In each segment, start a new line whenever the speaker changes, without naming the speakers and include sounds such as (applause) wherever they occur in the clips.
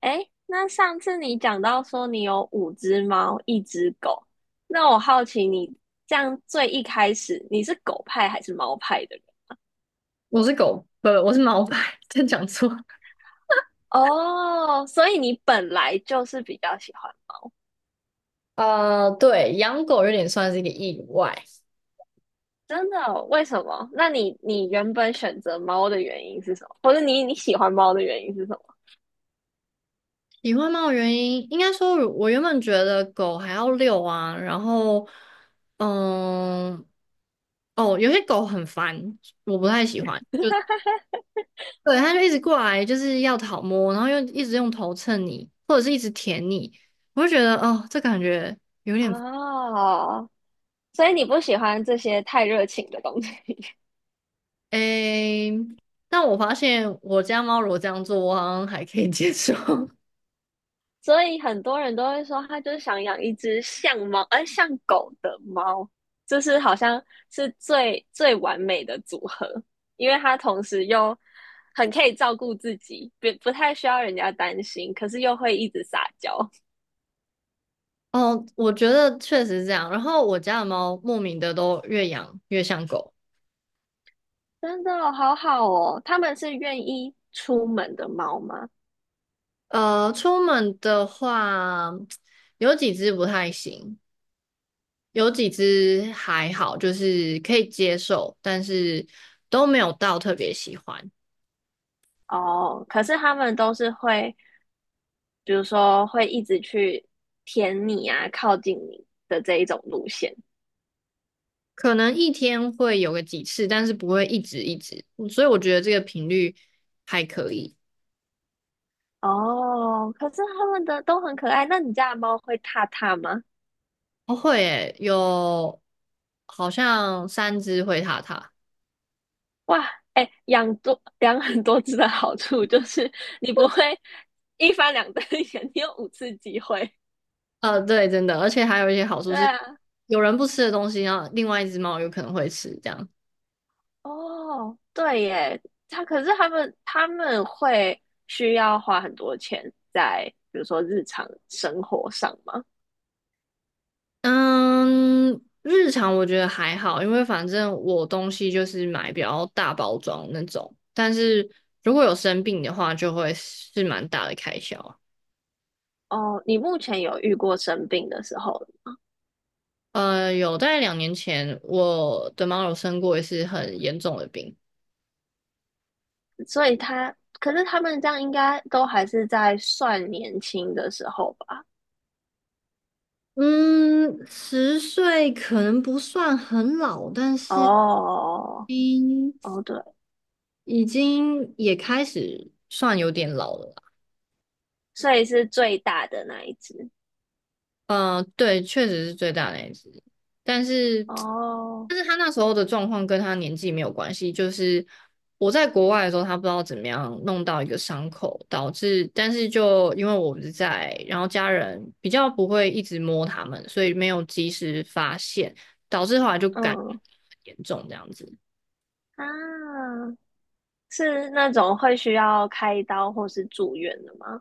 哎，那上次你讲到说你有五只猫，一只狗，那我好奇你这样最一开始你是狗派还是猫派的人？
我是狗，不，我是毛白 (laughs) 真讲错。
哦，所以你本来就是比较喜欢。
对，养狗有点算是一个意外。
真的哦，为什么？那你原本选择猫的原因是什么？或者你喜欢猫的原因是什么？
喜欢猫的原因，应该说我原本觉得狗还要遛啊，然后，嗯，哦，有些狗很烦，我不太喜欢。对，它就一直过来，就是要讨摸，然后又一直用头蹭你，或者是一直舔你，我就觉得哦，这感觉有点
哦，所以你不喜欢这些太热情的东西。
诶。但我发现我家猫如果这样做，我好像还可以接受。(laughs)
所以很多人都会说，他就是想养一只像猫，像狗的猫，就是好像是最最完美的组合，因为它同时又很可以照顾自己，不太需要人家担心，可是又会一直撒娇。
哦，我觉得确实是这样。然后我家的猫莫名的都越养越像狗。
(laughs) 真的哦，好好哦。他们是愿意出门的猫吗？
出门的话，有几只不太行，有几只还好，就是可以接受，但是都没有到特别喜欢。
哦，可是他们都是会，比如说会一直去舔你啊，靠近你的这一种路线。
可能一天会有个几次，但是不会一直一直。所以我觉得这个频率还可以。
哦，可是他们的都很可爱。那你家的猫会踏踏吗？
哦，会诶，有好像3只灰塔塔。
哇，哎，(laughs) 养很多只的好处就是你不会一翻两瞪眼，(laughs) 你有五次机会。
对，真的，而且还有一些好处
对
是，
啊。
有人不吃的东西，然后另外一只猫有可能会吃，这样。
哦，对耶，可是他们会需要花很多钱在比如说日常生活上吗？
嗯，日常我觉得还好，因为反正我东西就是买比较大包装那种，但是如果有生病的话，就会是蛮大的开销啊。
哦，你目前有遇过生病的时候？
有在2年前，我的猫有生过一次很严重的病。
所以他，可是他们这样应该都还是在算年轻的时候吧？
嗯，十岁可能不算很老，但
哦
是。
哦，
嗯
哦对，
已经也开始算有点老了啦。
所以是最大的那一只。
对，确实是最大那一只，但是，
哦。
但是他那时候的状况跟他年纪没有关系，就是我在国外的时候，他不知道怎么样弄到一个伤口，导致，但是就因为我不在，然后家人比较不会一直摸他们，所以没有及时发现，导致后来就感染
嗯
得很严重这样子。
啊，是那种会需要开刀或是住院的吗？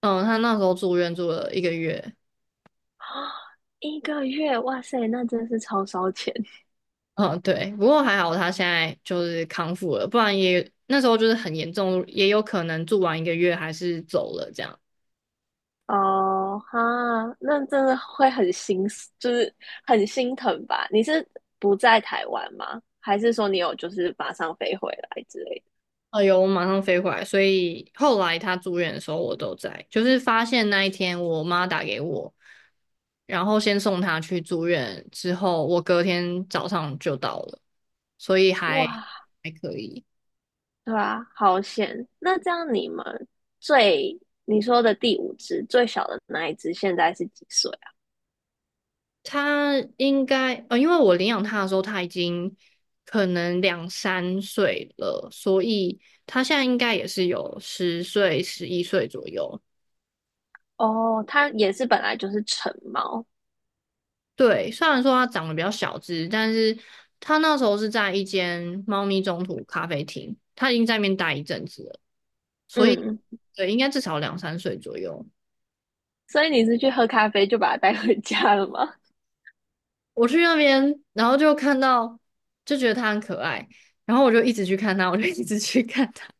嗯，他那时候住院住了一个月，
(gasps) 一个月，哇塞，那真是超烧钱。
嗯，对，不过还好他现在就是康复了，不然也那时候就是很严重，也有可能住完一个月还是走了这样。
哦哈，那真的会就是很心疼吧？你是不在台湾吗？还是说你有就是马上飞回来之类
哎呦，我马上飞回来，所以后来他住院的时候我都在，就是发现那一天我妈打给我，然后先送他去住院，之后我隔天早上就到了，所以
的？
还
哇，
还可以。
对啊，好险！那这样你们最你说的第五只最小的那一只现在是几岁
他应该，因为我领养他的时候，他已经可能两三岁了，所以他现在应该也是有10岁、11岁左右。
啊？哦，它也是本来就是成猫。
对，虽然说他长得比较小只，但是他那时候是在一间猫咪中途咖啡厅，他已经在那边待一阵子了，所以
嗯，
对，应该至少两三岁左右。
所以你是去喝咖啡就把它带回家了吗？
我去那边，然后就看到，就觉得他很可爱，然后我就一直去看他，我就一直去看他。(laughs)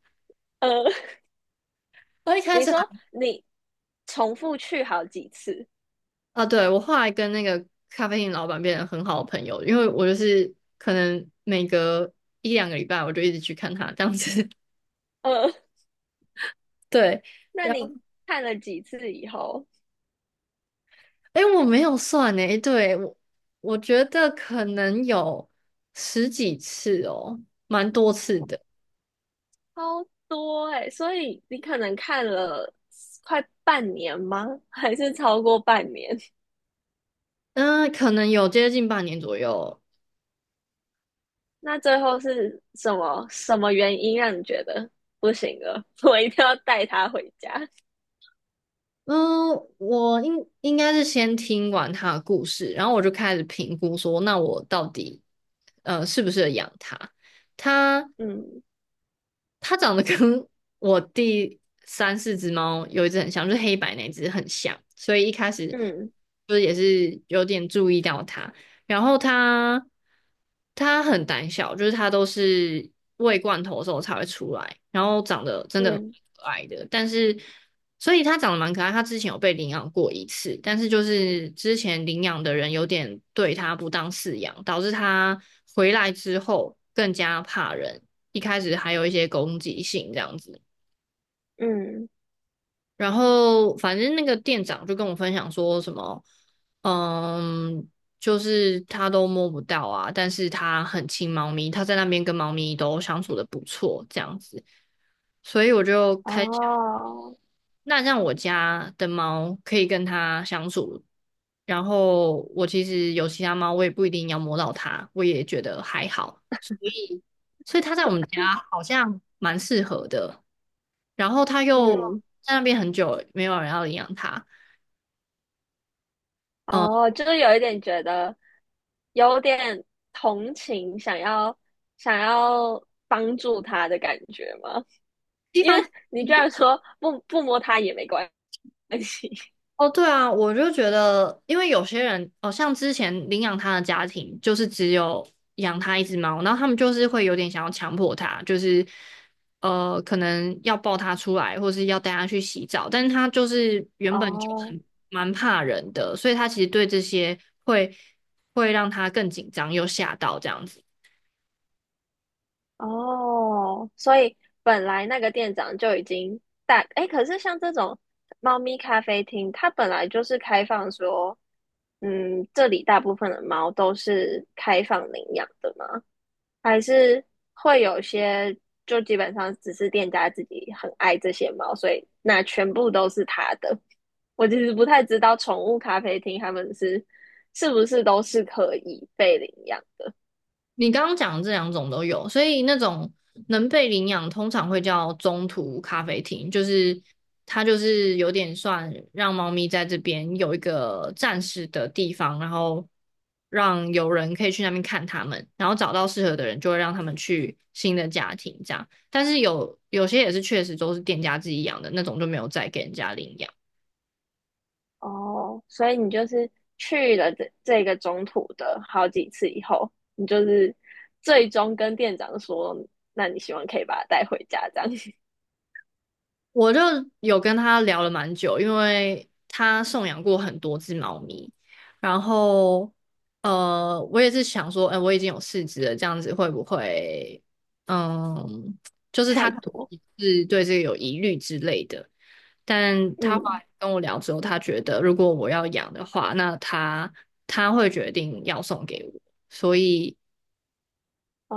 呃，
我一
(laughs)
开
你
始
说你重复去好几次。
啊，对，我后来跟那个咖啡店老板变成很好的朋友，因为我就是可能每隔一两个礼拜我就一直去看他这样子。
呃，
(laughs) 对，
那
然后
你看了几次以后，
哎，诶我没有算哎，诶对，我觉得可能有十几次哦，蛮多次的。
超多哎、所以你可能看了快半年吗？还是超过半年？
嗯、可能有接近半年左右。
那最后是什么什么原因让你觉得不行了？(laughs) 我一定要带他回家。
嗯，我应该是先听完他的故事，然后我就开始评估说，那我到底适不适合养它？他
嗯
它长得跟我第三四只猫有一只很像，就是黑白那只很像，所以一开始
嗯
就是也是有点注意到它。然后它很胆小，就是它都是喂罐头的时候才会出来，然后长得真的
嗯
可爱的，但是。所以它长得蛮可爱，它之前有被领养过一次，但是就是之前领养的人有点对它不当饲养，导致它回来之后更加怕人。一开始还有一些攻击性这样子。
嗯。
然后反正那个店长就跟我分享说什么，嗯，就是他都摸不到啊，但是他很亲猫咪，他在那边跟猫咪都相处的不错这样子。所以我就开始，
哦。
那让我家的猫可以跟它相处，然后我其实有其他猫，我也不一定要摸到它，我也觉得还好。所以它在我们家好像蛮适合的。然后他又
嗯
在那边很久，没有人要领养他。嗯、
哦，就是有一点觉得有点同情，想要帮助他的感觉吗？
一
因为
方面
你居
是
然说不摸他也没关系。(laughs)
哦，对啊，我就觉得，因为有些人，哦，像之前领养他的家庭，就是只有养他一只猫，然后他们就是会有点想要强迫他，就是可能要抱他出来，或是要带他去洗澡，但是他就是原本就
哦
很蛮怕人的，所以他其实对这些会会让他更紧张，又吓到这样子。
哦，所以本来那个店长就已经大，哎，可是像这种猫咪咖啡厅，它本来就是开放说，嗯，这里大部分的猫都是开放领养的吗？还是会有些就基本上只是店家自己很爱这些猫，所以那全部都是他的？我其实不太知道宠物咖啡厅他们是不是都是可以被领养的。
你刚刚讲的这两种都有，所以那种能被领养通常会叫中途咖啡厅，就是它就是有点算让猫咪在这边有一个暂时的地方，然后让有人可以去那边看它们，然后找到适合的人就会让他们去新的家庭这样。但是有些也是确实都是店家自己养的那种，就没有再给人家领养。
哦，所以你就是去了这个中途的好几次以后，你就是最终跟店长说，那你希望可以把它带回家，这样。
我就有跟他聊了蛮久，因为他送养过很多只猫咪，然后我也是想说，哎、我已经有四只了，这样子会不会，嗯，就
(laughs)
是他
太
可
多。
能是对这个有疑虑之类的。但他后
嗯。
来跟我聊之后，他觉得如果我要养的话，那他会决定要送给我，所以。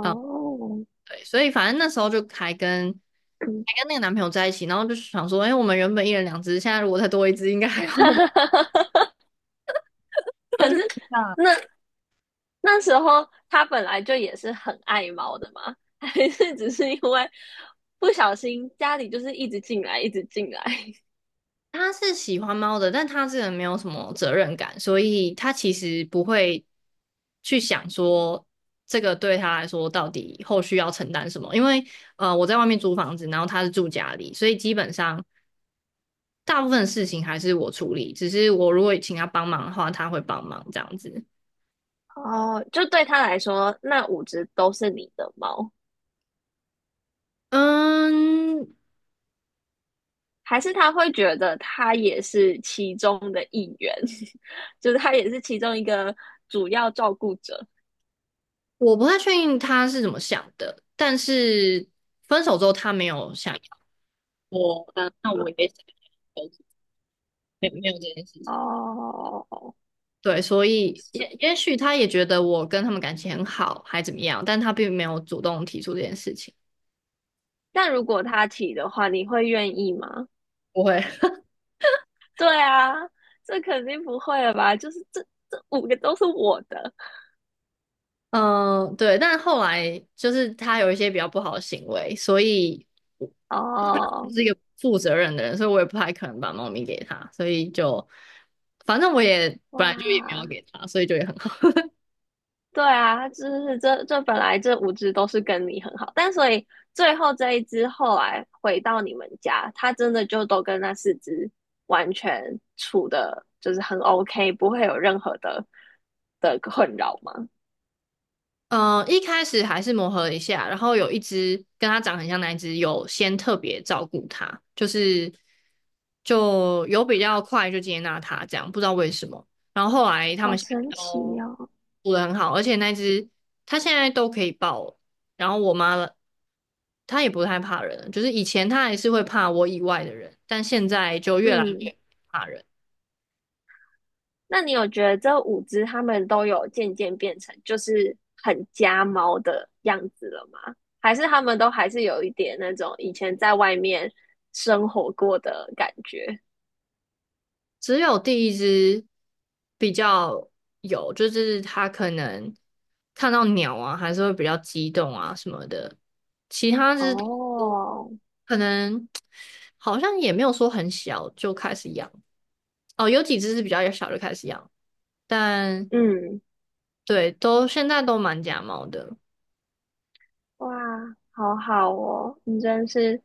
呃对，所以反正那时候就还跟
嗯。
还跟那个男朋友在一起，然后就是想说，哎、我们原本一人2只，现在如果再多一只，应该还好。
(laughs)
(laughs) 然后
可是
就那
那那时候他本来就也是很爱猫的嘛？(laughs) 还是只是因为不小心家里就是一直进来，一直进来？
他是喜欢猫的，但他这个人没有什么责任感，所以他其实不会去想说这个对他来说到底后续要承担什么。因为我在外面租房子，然后他是住家里，所以基本上大部分的事情还是我处理，只是我如果请他帮忙的话，他会帮忙这样子。
哦，就对他来说，那五只都是你的猫。
嗯，
还是他会觉得他也是其中的一员，(laughs) 就是他也是其中一个主要照顾者
我不太确定他是怎么想的，但是分手之后他没有想要我，那我也想要没有没有这件事情。
哦？
对，所以也许他也觉得我跟他们感情很好，还怎么样，但他并没有主动提出这件事情。
但如果他提的话，你会愿意吗？
不会。(laughs)
对啊，这肯定不会了吧？就是这五个都是我的
嗯，对，但后来就是他有一些比较不好的行为，所以我 (laughs)
哦。
是一个负责任的人，所以我也不太可能把猫咪给他，所以就反正我也本来就也没有
哇，
给他，所以就也很好。
对啊，就是这本来这五只都是跟你很好，但所以最后这一只后来回到你们家，它真的就都跟那四只完全处的，就是很 OK，不会有任何的困扰吗？
嗯、一开始还是磨合一下，然后有一只跟它长很像那一只，有先特别照顾它，就是就有比较快就接纳它这样，不知道为什么。然后后来他
好
们现在
神
都
奇哦！
处得很好，而且那只它现在都可以抱了，然后我妈了，它也不太怕人了就是以前它还是会怕我以外的人，但现在就越来越
嗯，
不怕人。
那你有觉得这五只它们都有渐渐变成就是很家猫的样子了吗？还是它们都还是有一点那种以前在外面生活过的感觉？
只有第一只比较有，就是它可能看到鸟啊，还是会比较激动啊什么的。其他只
哦。
可能 (tsk) 好像也没有说很小就开始养哦，有几只是比较小就开始养，但
嗯。
对，都现在都蛮假猫的，
哇，好好哦，你真是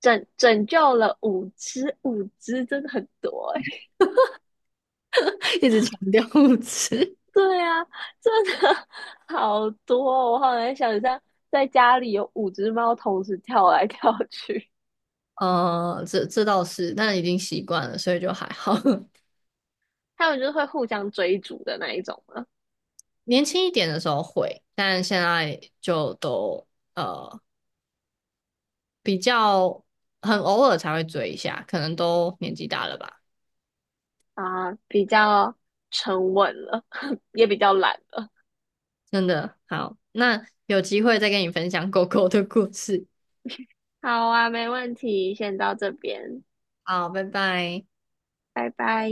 拯救了五只，五只真的很多哎。
(laughs) 一直强调物质。
(laughs) 对啊，真的 (laughs) 好多哦，我好难想象在家里有五只猫同时跳来跳去。
这倒是，但已经习惯了，所以就还好。(laughs)
(laughs) 它们就是会互相追逐的那一种了
年轻一点的时候会，但现在就都呃比较很偶尔才会追一下，可能都年纪大了吧。
啊，比较沉稳了，(laughs) 也比较懒了。
真的，好，那有机会再跟你分享狗狗的故事。
好啊，没问题，先到这边，
好，拜拜。
拜拜。